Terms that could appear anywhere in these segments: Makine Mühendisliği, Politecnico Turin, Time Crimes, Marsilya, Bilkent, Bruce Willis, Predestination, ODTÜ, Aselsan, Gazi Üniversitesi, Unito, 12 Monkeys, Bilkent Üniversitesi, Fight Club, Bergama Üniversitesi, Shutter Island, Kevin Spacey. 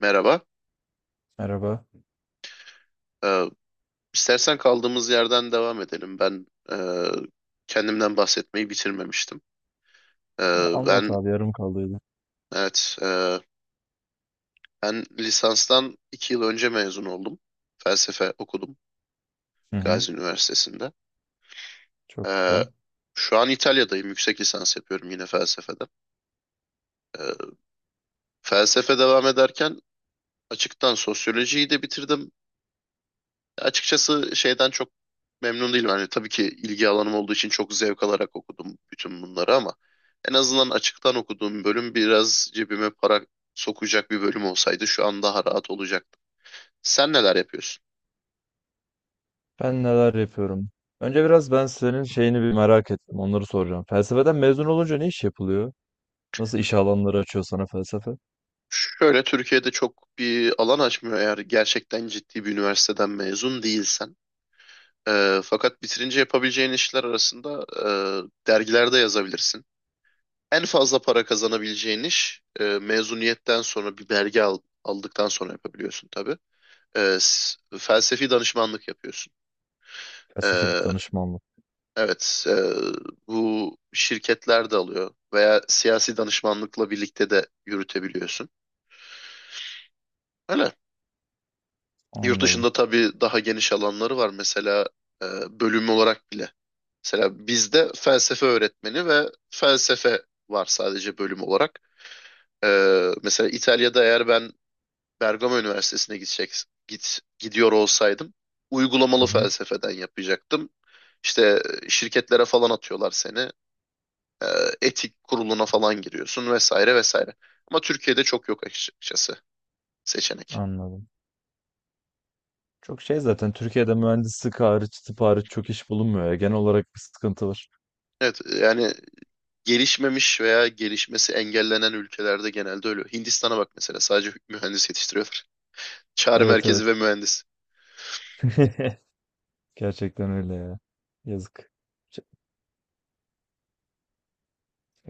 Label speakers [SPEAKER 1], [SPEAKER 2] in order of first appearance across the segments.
[SPEAKER 1] Merhaba.
[SPEAKER 2] Merhaba.
[SPEAKER 1] Ee, istersen kaldığımız yerden devam edelim. Ben e, kendimden bahsetmeyi bitirmemiştim.
[SPEAKER 2] Anlat
[SPEAKER 1] Ben
[SPEAKER 2] abi yarım kaldıydı.
[SPEAKER 1] evet Ben lisanstan 2 yıl önce mezun oldum. Felsefe okudum
[SPEAKER 2] Hı hı.
[SPEAKER 1] Gazi Üniversitesi'nde.
[SPEAKER 2] Çok
[SPEAKER 1] Ee,
[SPEAKER 2] güzel.
[SPEAKER 1] Şu an İtalya'dayım. Yüksek lisans yapıyorum yine felsefeden. Ee, Felsefe devam ederken açıktan sosyolojiyi de bitirdim. Açıkçası şeyden çok memnun değilim. Yani tabii ki ilgi alanım olduğu için çok zevk alarak okudum bütün bunları ama en azından açıktan okuduğum bölüm biraz cebime para sokacak bir bölüm olsaydı şu an daha rahat olacaktı. Sen neler yapıyorsun?
[SPEAKER 2] Ben neler yapıyorum? Önce biraz ben senin şeyini bir merak ettim. Onları soracağım. Felsefeden mezun olunca ne iş yapılıyor? Nasıl iş alanları açıyor sana felsefe?
[SPEAKER 1] Şöyle Türkiye'de çok bir alan açmıyor eğer gerçekten ciddi bir üniversiteden mezun değilsen. Fakat bitirince yapabileceğin işler arasında dergilerde yazabilirsin. En fazla para kazanabileceğin iş mezuniyetten sonra bir belge aldıktan sonra yapabiliyorsun tabii. Felsefi danışmanlık yapıyorsun.
[SPEAKER 2] Felsefi
[SPEAKER 1] E,
[SPEAKER 2] danışmanlık.
[SPEAKER 1] evet, bu şirketler de alıyor veya siyasi danışmanlıkla birlikte de yürütebiliyorsun. Öyle. Yurt
[SPEAKER 2] Anladım.
[SPEAKER 1] dışında tabii daha geniş alanları var. Mesela e, bölüm olarak bile. Mesela bizde felsefe öğretmeni ve felsefe var sadece bölüm olarak. E, Mesela İtalya'da eğer ben Bergama Üniversitesi'ne gidiyor olsaydım uygulamalı
[SPEAKER 2] Hı hı.
[SPEAKER 1] felsefeden yapacaktım. İşte şirketlere falan atıyorlar seni. E, Etik kuruluna falan giriyorsun vesaire vesaire. Ama Türkiye'de çok yok açıkçası seçenek.
[SPEAKER 2] Anladım. Çok şey zaten Türkiye'de mühendislik hariç, tıp hariç çok iş bulunmuyor ya. Genel olarak bir sıkıntı var.
[SPEAKER 1] Evet yani gelişmemiş veya gelişmesi engellenen ülkelerde genelde öyle. Hindistan'a bak mesela sadece mühendis yetiştiriyorlar. Çağrı
[SPEAKER 2] Evet,
[SPEAKER 1] merkezi ve
[SPEAKER 2] evet.
[SPEAKER 1] mühendis.
[SPEAKER 2] Gerçekten öyle ya. Yazık. Ç-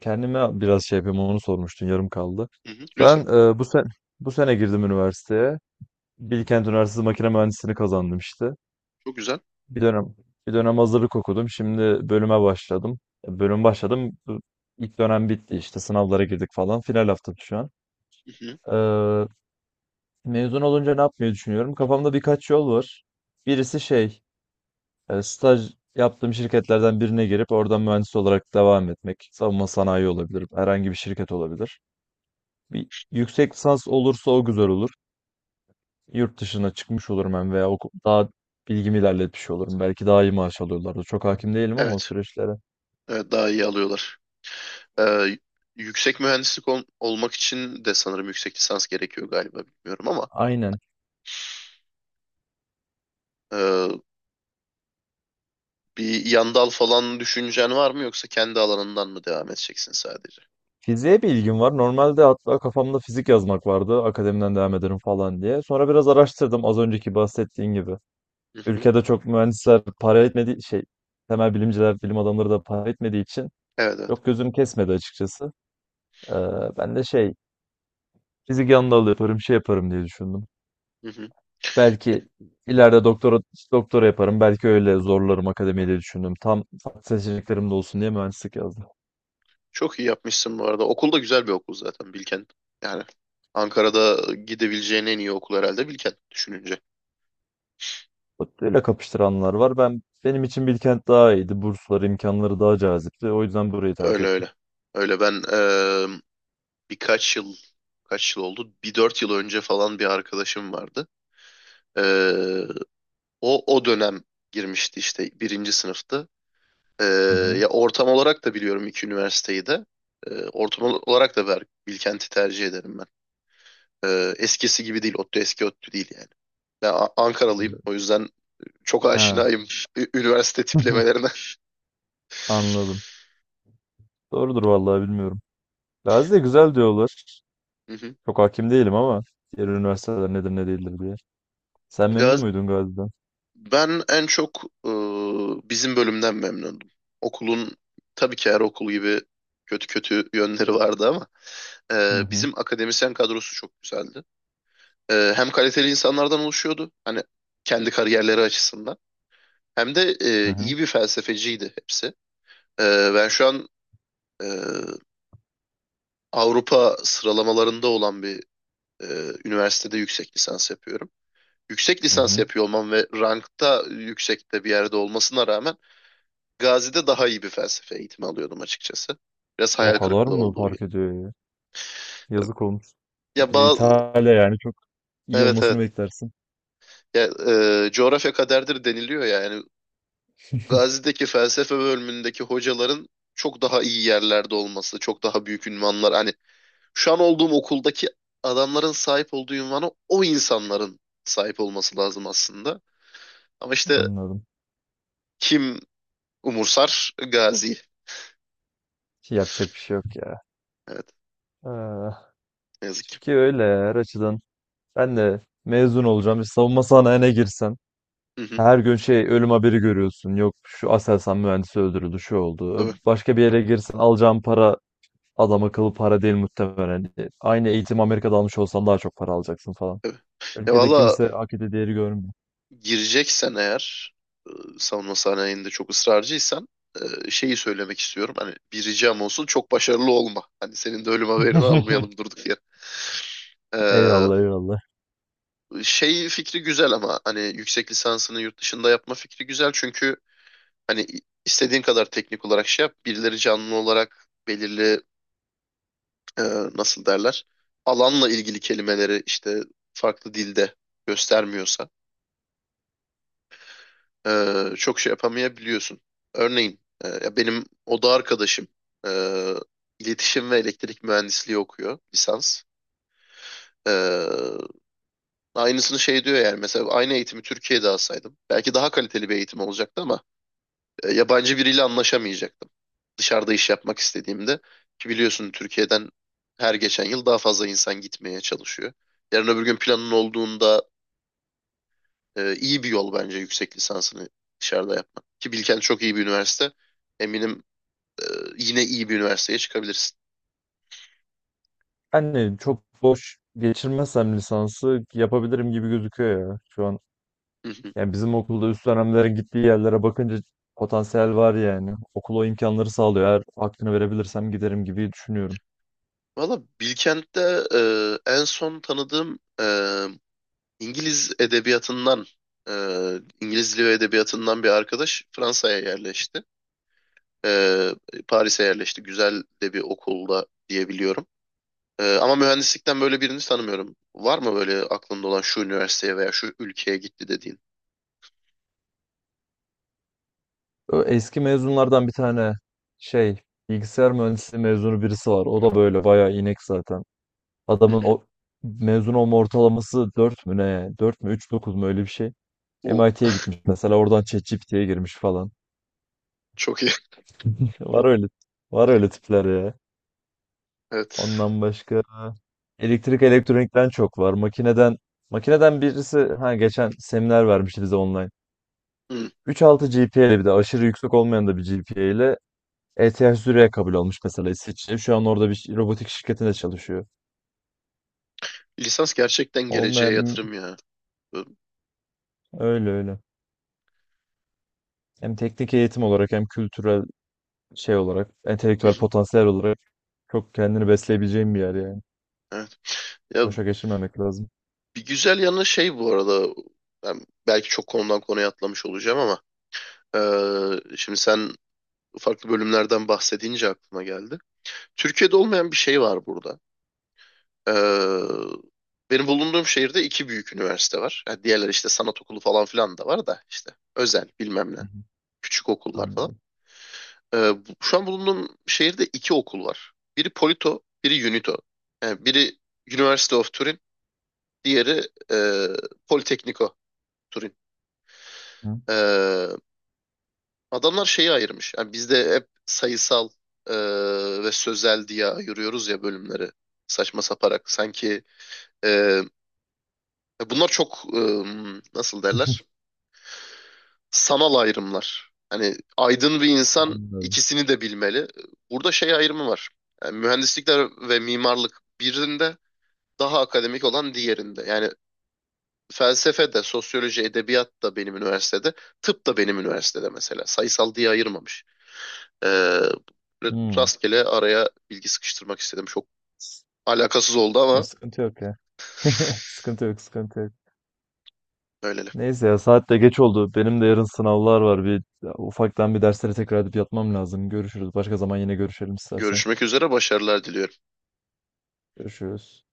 [SPEAKER 2] Kendime biraz şey yapayım, onu sormuştun yarım kaldı.
[SPEAKER 1] Hı hı,
[SPEAKER 2] Ben
[SPEAKER 1] lütfen.
[SPEAKER 2] bu sene girdim üniversiteye. Bilkent Üniversitesi Makine Mühendisliğini kazandım işte.
[SPEAKER 1] Çok güzel.
[SPEAKER 2] Bir dönem bir dönem hazırlık okudum. Şimdi bölüme başladım. Bölüm başladım. İlk dönem bitti, işte sınavlara girdik falan. Final haftam şu an.
[SPEAKER 1] Hı hı.
[SPEAKER 2] E, mezun olunca ne yapmayı düşünüyorum? Kafamda birkaç yol var. Birisi, staj yaptığım şirketlerden birine girip oradan mühendis olarak devam etmek. Savunma sanayi olabilir, herhangi bir şirket olabilir. Bir yüksek lisans olursa o güzel olur. Yurt dışına çıkmış olurum hem, veya daha bilgimi ilerletmiş olurum. Belki daha iyi maaş alıyorlardı. Çok hakim değilim ama o
[SPEAKER 1] Evet.
[SPEAKER 2] süreçlere.
[SPEAKER 1] Evet daha iyi alıyorlar. Ee, Yüksek mühendislik olmak için de sanırım yüksek lisans gerekiyor galiba bilmiyorum ama
[SPEAKER 2] Aynen.
[SPEAKER 1] ee, bir yan dal falan düşüncen var mı yoksa kendi alanından mı devam edeceksin sadece?
[SPEAKER 2] Fiziğe bir ilgim var. Normalde hatta kafamda fizik yazmak vardı. Akademiden devam ederim falan diye. Sonra biraz araştırdım, az önceki bahsettiğin gibi.
[SPEAKER 1] Hı hı.
[SPEAKER 2] Ülkede çok mühendisler para etmediği şey, temel bilimciler, bilim adamları da para etmediği için,
[SPEAKER 1] Evet evet.
[SPEAKER 2] yok gözüm kesmedi açıkçası. Ee, ben de şey fizik yanında alı yaparım şey yaparım diye düşündüm.
[SPEAKER 1] Hı hı.
[SPEAKER 2] Belki ileride doktora yaparım. Belki öyle zorlarım akademiyi diye düşündüm. Tam farklı seçeneklerim de olsun diye mühendislik yazdım.
[SPEAKER 1] Çok iyi yapmışsın bu arada. Okul da güzel bir okul zaten Bilkent. Yani Ankara'da gidebileceğin en iyi okul herhalde Bilkent düşününce.
[SPEAKER 2] Bak, öyle kapıştıranlar var. Ben, benim için Bilkent daha iyiydi. Bursları, imkanları daha cazipti. O yüzden burayı tercih
[SPEAKER 1] Öyle
[SPEAKER 2] ettim.
[SPEAKER 1] öyle. Öyle ben birkaç yıl kaç yıl oldu? Bir 4 yıl önce falan bir arkadaşım vardı. E, o dönem girmişti işte birinci sınıftı. Ee,
[SPEAKER 2] Hı hı.
[SPEAKER 1] Ya ortam olarak da biliyorum iki üniversiteyi de. Ortam olarak da Bilkent'i tercih ederim ben. Eskisi gibi değil, ODTÜ eski ODTÜ değil yani. Ben Ankaralıyım
[SPEAKER 2] Evet.
[SPEAKER 1] o yüzden çok
[SPEAKER 2] Ha.
[SPEAKER 1] aşinayım üniversite tiplemelerine.
[SPEAKER 2] Anladım. Doğrudur, vallahi bilmiyorum. Gazi de güzel diyorlar.
[SPEAKER 1] Hı hı.
[SPEAKER 2] Çok hakim değilim ama diğer üniversiteler nedir ne değildir diye. Sen memnun
[SPEAKER 1] Gaz
[SPEAKER 2] muydun Gazi'den?
[SPEAKER 1] Ben en çok bizim bölümden memnundum. Okulun tabii ki her okul gibi kötü kötü yönleri vardı ama
[SPEAKER 2] Hı hı.
[SPEAKER 1] bizim akademisyen kadrosu çok güzeldi. Hem kaliteli insanlardan oluşuyordu hani kendi kariyerleri açısından hem de
[SPEAKER 2] Hı hı.
[SPEAKER 1] iyi bir felsefeciydi hepsi. Ben şu an e, Avrupa sıralamalarında olan bir e, üniversitede yüksek lisans yapıyorum. Yüksek
[SPEAKER 2] Hı
[SPEAKER 1] lisans
[SPEAKER 2] hı.
[SPEAKER 1] yapıyor olmam ve rankta yüksekte bir yerde olmasına rağmen Gazi'de daha iyi bir felsefe eğitimi alıyordum açıkçası. Biraz
[SPEAKER 2] O
[SPEAKER 1] hayal
[SPEAKER 2] kadar
[SPEAKER 1] kırıklığı
[SPEAKER 2] mı
[SPEAKER 1] olduğu gibi.
[SPEAKER 2] fark ediyor ya? Yazık olmuş.
[SPEAKER 1] Ya
[SPEAKER 2] Bir de İtalya, yani çok iyi
[SPEAKER 1] evet evet
[SPEAKER 2] olmasını beklersin.
[SPEAKER 1] ya, coğrafya kaderdir deniliyor ya, yani Gazi'deki felsefe bölümündeki hocaların çok daha iyi yerlerde olması, çok daha büyük ünvanlar. Hani şu an olduğum okuldaki adamların sahip olduğu ünvana o insanların sahip olması lazım aslında. Ama işte
[SPEAKER 2] Anladım.
[SPEAKER 1] kim umursar? Gazi.
[SPEAKER 2] Şey, yapacak bir şey yok ya.
[SPEAKER 1] Evet,
[SPEAKER 2] Ah,
[SPEAKER 1] ne yazık ki.
[SPEAKER 2] Türkiye öyle ya, her açıdan. Ben de mezun olacağım, bir savunma sanayine girsen.
[SPEAKER 1] Hı hı,
[SPEAKER 2] Her gün şey ölüm haberi görüyorsun. Yok, şu Aselsan mühendisi öldürüldü, şu oldu.
[SPEAKER 1] evet,
[SPEAKER 2] Başka bir yere girsen alacağın para adam akıllı para değil muhtemelen. Aynı eğitim Amerika'da almış olsan daha çok para alacaksın falan.
[SPEAKER 1] evet. Ya
[SPEAKER 2] Ülkede
[SPEAKER 1] valla
[SPEAKER 2] kimse hak ettiği değeri görmüyor.
[SPEAKER 1] gireceksen eğer e, savunma sanayinde çok ısrarcıysan şeyi söylemek istiyorum. Hani bir ricam olsun çok başarılı olma. Hani senin de ölüm haberini almayalım durduk yere. Ee,
[SPEAKER 2] Eyvallah, eyvallah.
[SPEAKER 1] Şey fikri güzel ama hani yüksek lisansını yurt dışında yapma fikri güzel çünkü hani istediğin kadar teknik olarak şey yap birileri canlı olarak belirli e, nasıl derler alanla ilgili kelimeleri işte farklı dilde göstermiyorsa çok şey yapamayabiliyorsun. Örneğin ya benim oda arkadaşım e, iletişim ve elektrik mühendisliği okuyor lisans. E, Aynısını şey diyor yani mesela aynı eğitimi Türkiye'de alsaydım belki daha kaliteli bir eğitim olacaktı ama yabancı biriyle anlaşamayacaktım. Dışarıda iş yapmak istediğimde ki biliyorsun Türkiye'den her geçen yıl daha fazla insan gitmeye çalışıyor. Yarın öbür gün planın olduğunda iyi bir yol bence yüksek lisansını dışarıda yapmak. Ki Bilkent çok iyi bir üniversite. Eminim yine iyi bir üniversiteye çıkabilirsin.
[SPEAKER 2] Hani çok boş geçirmezsem lisansı yapabilirim gibi gözüküyor ya. Şu an
[SPEAKER 1] Hı hı.
[SPEAKER 2] yani bizim okulda üst dönemlerin gittiği yerlere bakınca potansiyel var yani. Okul o imkanları sağlıyor. Eğer hakkını verebilirsem giderim gibi düşünüyorum.
[SPEAKER 1] Valla Bilkent'te e, en son tanıdığım İngiliz edebiyatından, e, İngiliz dili ve edebiyatından bir arkadaş Fransa'ya yerleşti. E, Paris'e yerleşti. Güzel de bir okulda diyebiliyorum. Ama mühendislikten böyle birini tanımıyorum. Var mı böyle aklında olan şu üniversiteye veya şu ülkeye gitti dediğin?
[SPEAKER 2] Eski mezunlardan bir tane şey bilgisayar mühendisliği mezunu birisi var. O da böyle bayağı inek zaten.
[SPEAKER 1] Hı
[SPEAKER 2] Adamın
[SPEAKER 1] hı.
[SPEAKER 2] o mezun olma ortalaması 4 mü ne? Dört mü üç dokuz mu, öyle bir şey.
[SPEAKER 1] Uh,
[SPEAKER 2] MIT'ye gitmiş mesela, oradan ChatGPT'ye girmiş falan.
[SPEAKER 1] Çok iyi.
[SPEAKER 2] Var öyle, var öyle tipler ya.
[SPEAKER 1] Evet.
[SPEAKER 2] Ondan başka elektrik elektronikten çok var. Makineden birisi ha geçen seminer vermişti bize online.
[SPEAKER 1] Hı.
[SPEAKER 2] 3,6 GPA ile, bir de aşırı yüksek olmayan da bir GPA ile ETH Zürich'e kabul olmuş mesela, İsviçre. Şu an orada bir robotik şirketinde çalışıyor.
[SPEAKER 1] Lisans gerçekten geleceğe
[SPEAKER 2] Olmayan
[SPEAKER 1] yatırım ya. Ö-
[SPEAKER 2] öyle öyle. Hem teknik eğitim olarak hem kültürel şey olarak, entelektüel potansiyel olarak çok kendini besleyebileceğin bir yer yani.
[SPEAKER 1] Evet. Ya
[SPEAKER 2] Boşa geçirmemek lazım.
[SPEAKER 1] bir güzel yanı şey bu arada ben belki çok konudan konuya atlamış olacağım ama şimdi sen farklı bölümlerden bahsedince aklıma geldi. Türkiye'de olmayan bir şey var burada. Eee, Benim bulunduğum şehirde iki büyük üniversite var. Ha, diğerleri işte sanat okulu falan filan da var da işte özel bilmem ne küçük okullar falan.
[SPEAKER 2] Anladım.
[SPEAKER 1] Şu an bulunduğum şehirde iki okul var. Biri Polito, biri Unito. Yani biri University of Turin, diğeri e, Politecnico Turin.
[SPEAKER 2] Hı.
[SPEAKER 1] Ee, Adamlar şeyi ayırmış. Yani bizde hep sayısal e, ve sözel diye ayırıyoruz ya bölümleri. Saçma saparak. Sanki e, bunlar çok nasıl derler? Sanal ayrımlar. Hani aydın bir insan
[SPEAKER 2] Anladım.
[SPEAKER 1] ikisini de bilmeli. Burada şey ayrımı var. Yani mühendislikler ve mimarlık birinde daha akademik olan diğerinde. Yani felsefe de, sosyoloji, edebiyat da benim üniversitede, tıp da benim üniversitede mesela. Sayısal diye ayırmamış. Ee, Böyle
[SPEAKER 2] Hımm.
[SPEAKER 1] rastgele araya bilgi sıkıştırmak istedim. Çok alakasız oldu
[SPEAKER 2] Ya,
[SPEAKER 1] ama
[SPEAKER 2] sıkıntı yok ya. Sıkıntı yok, sıkıntı yok.
[SPEAKER 1] öyleli.
[SPEAKER 2] Neyse ya, saat de geç oldu. Benim de yarın sınavlar var. Ufaktan bir derslere tekrar edip yatmam lazım. Görüşürüz. Başka zaman yine görüşelim istersen.
[SPEAKER 1] Görüşmek üzere, başarılar diliyorum.
[SPEAKER 2] Görüşürüz.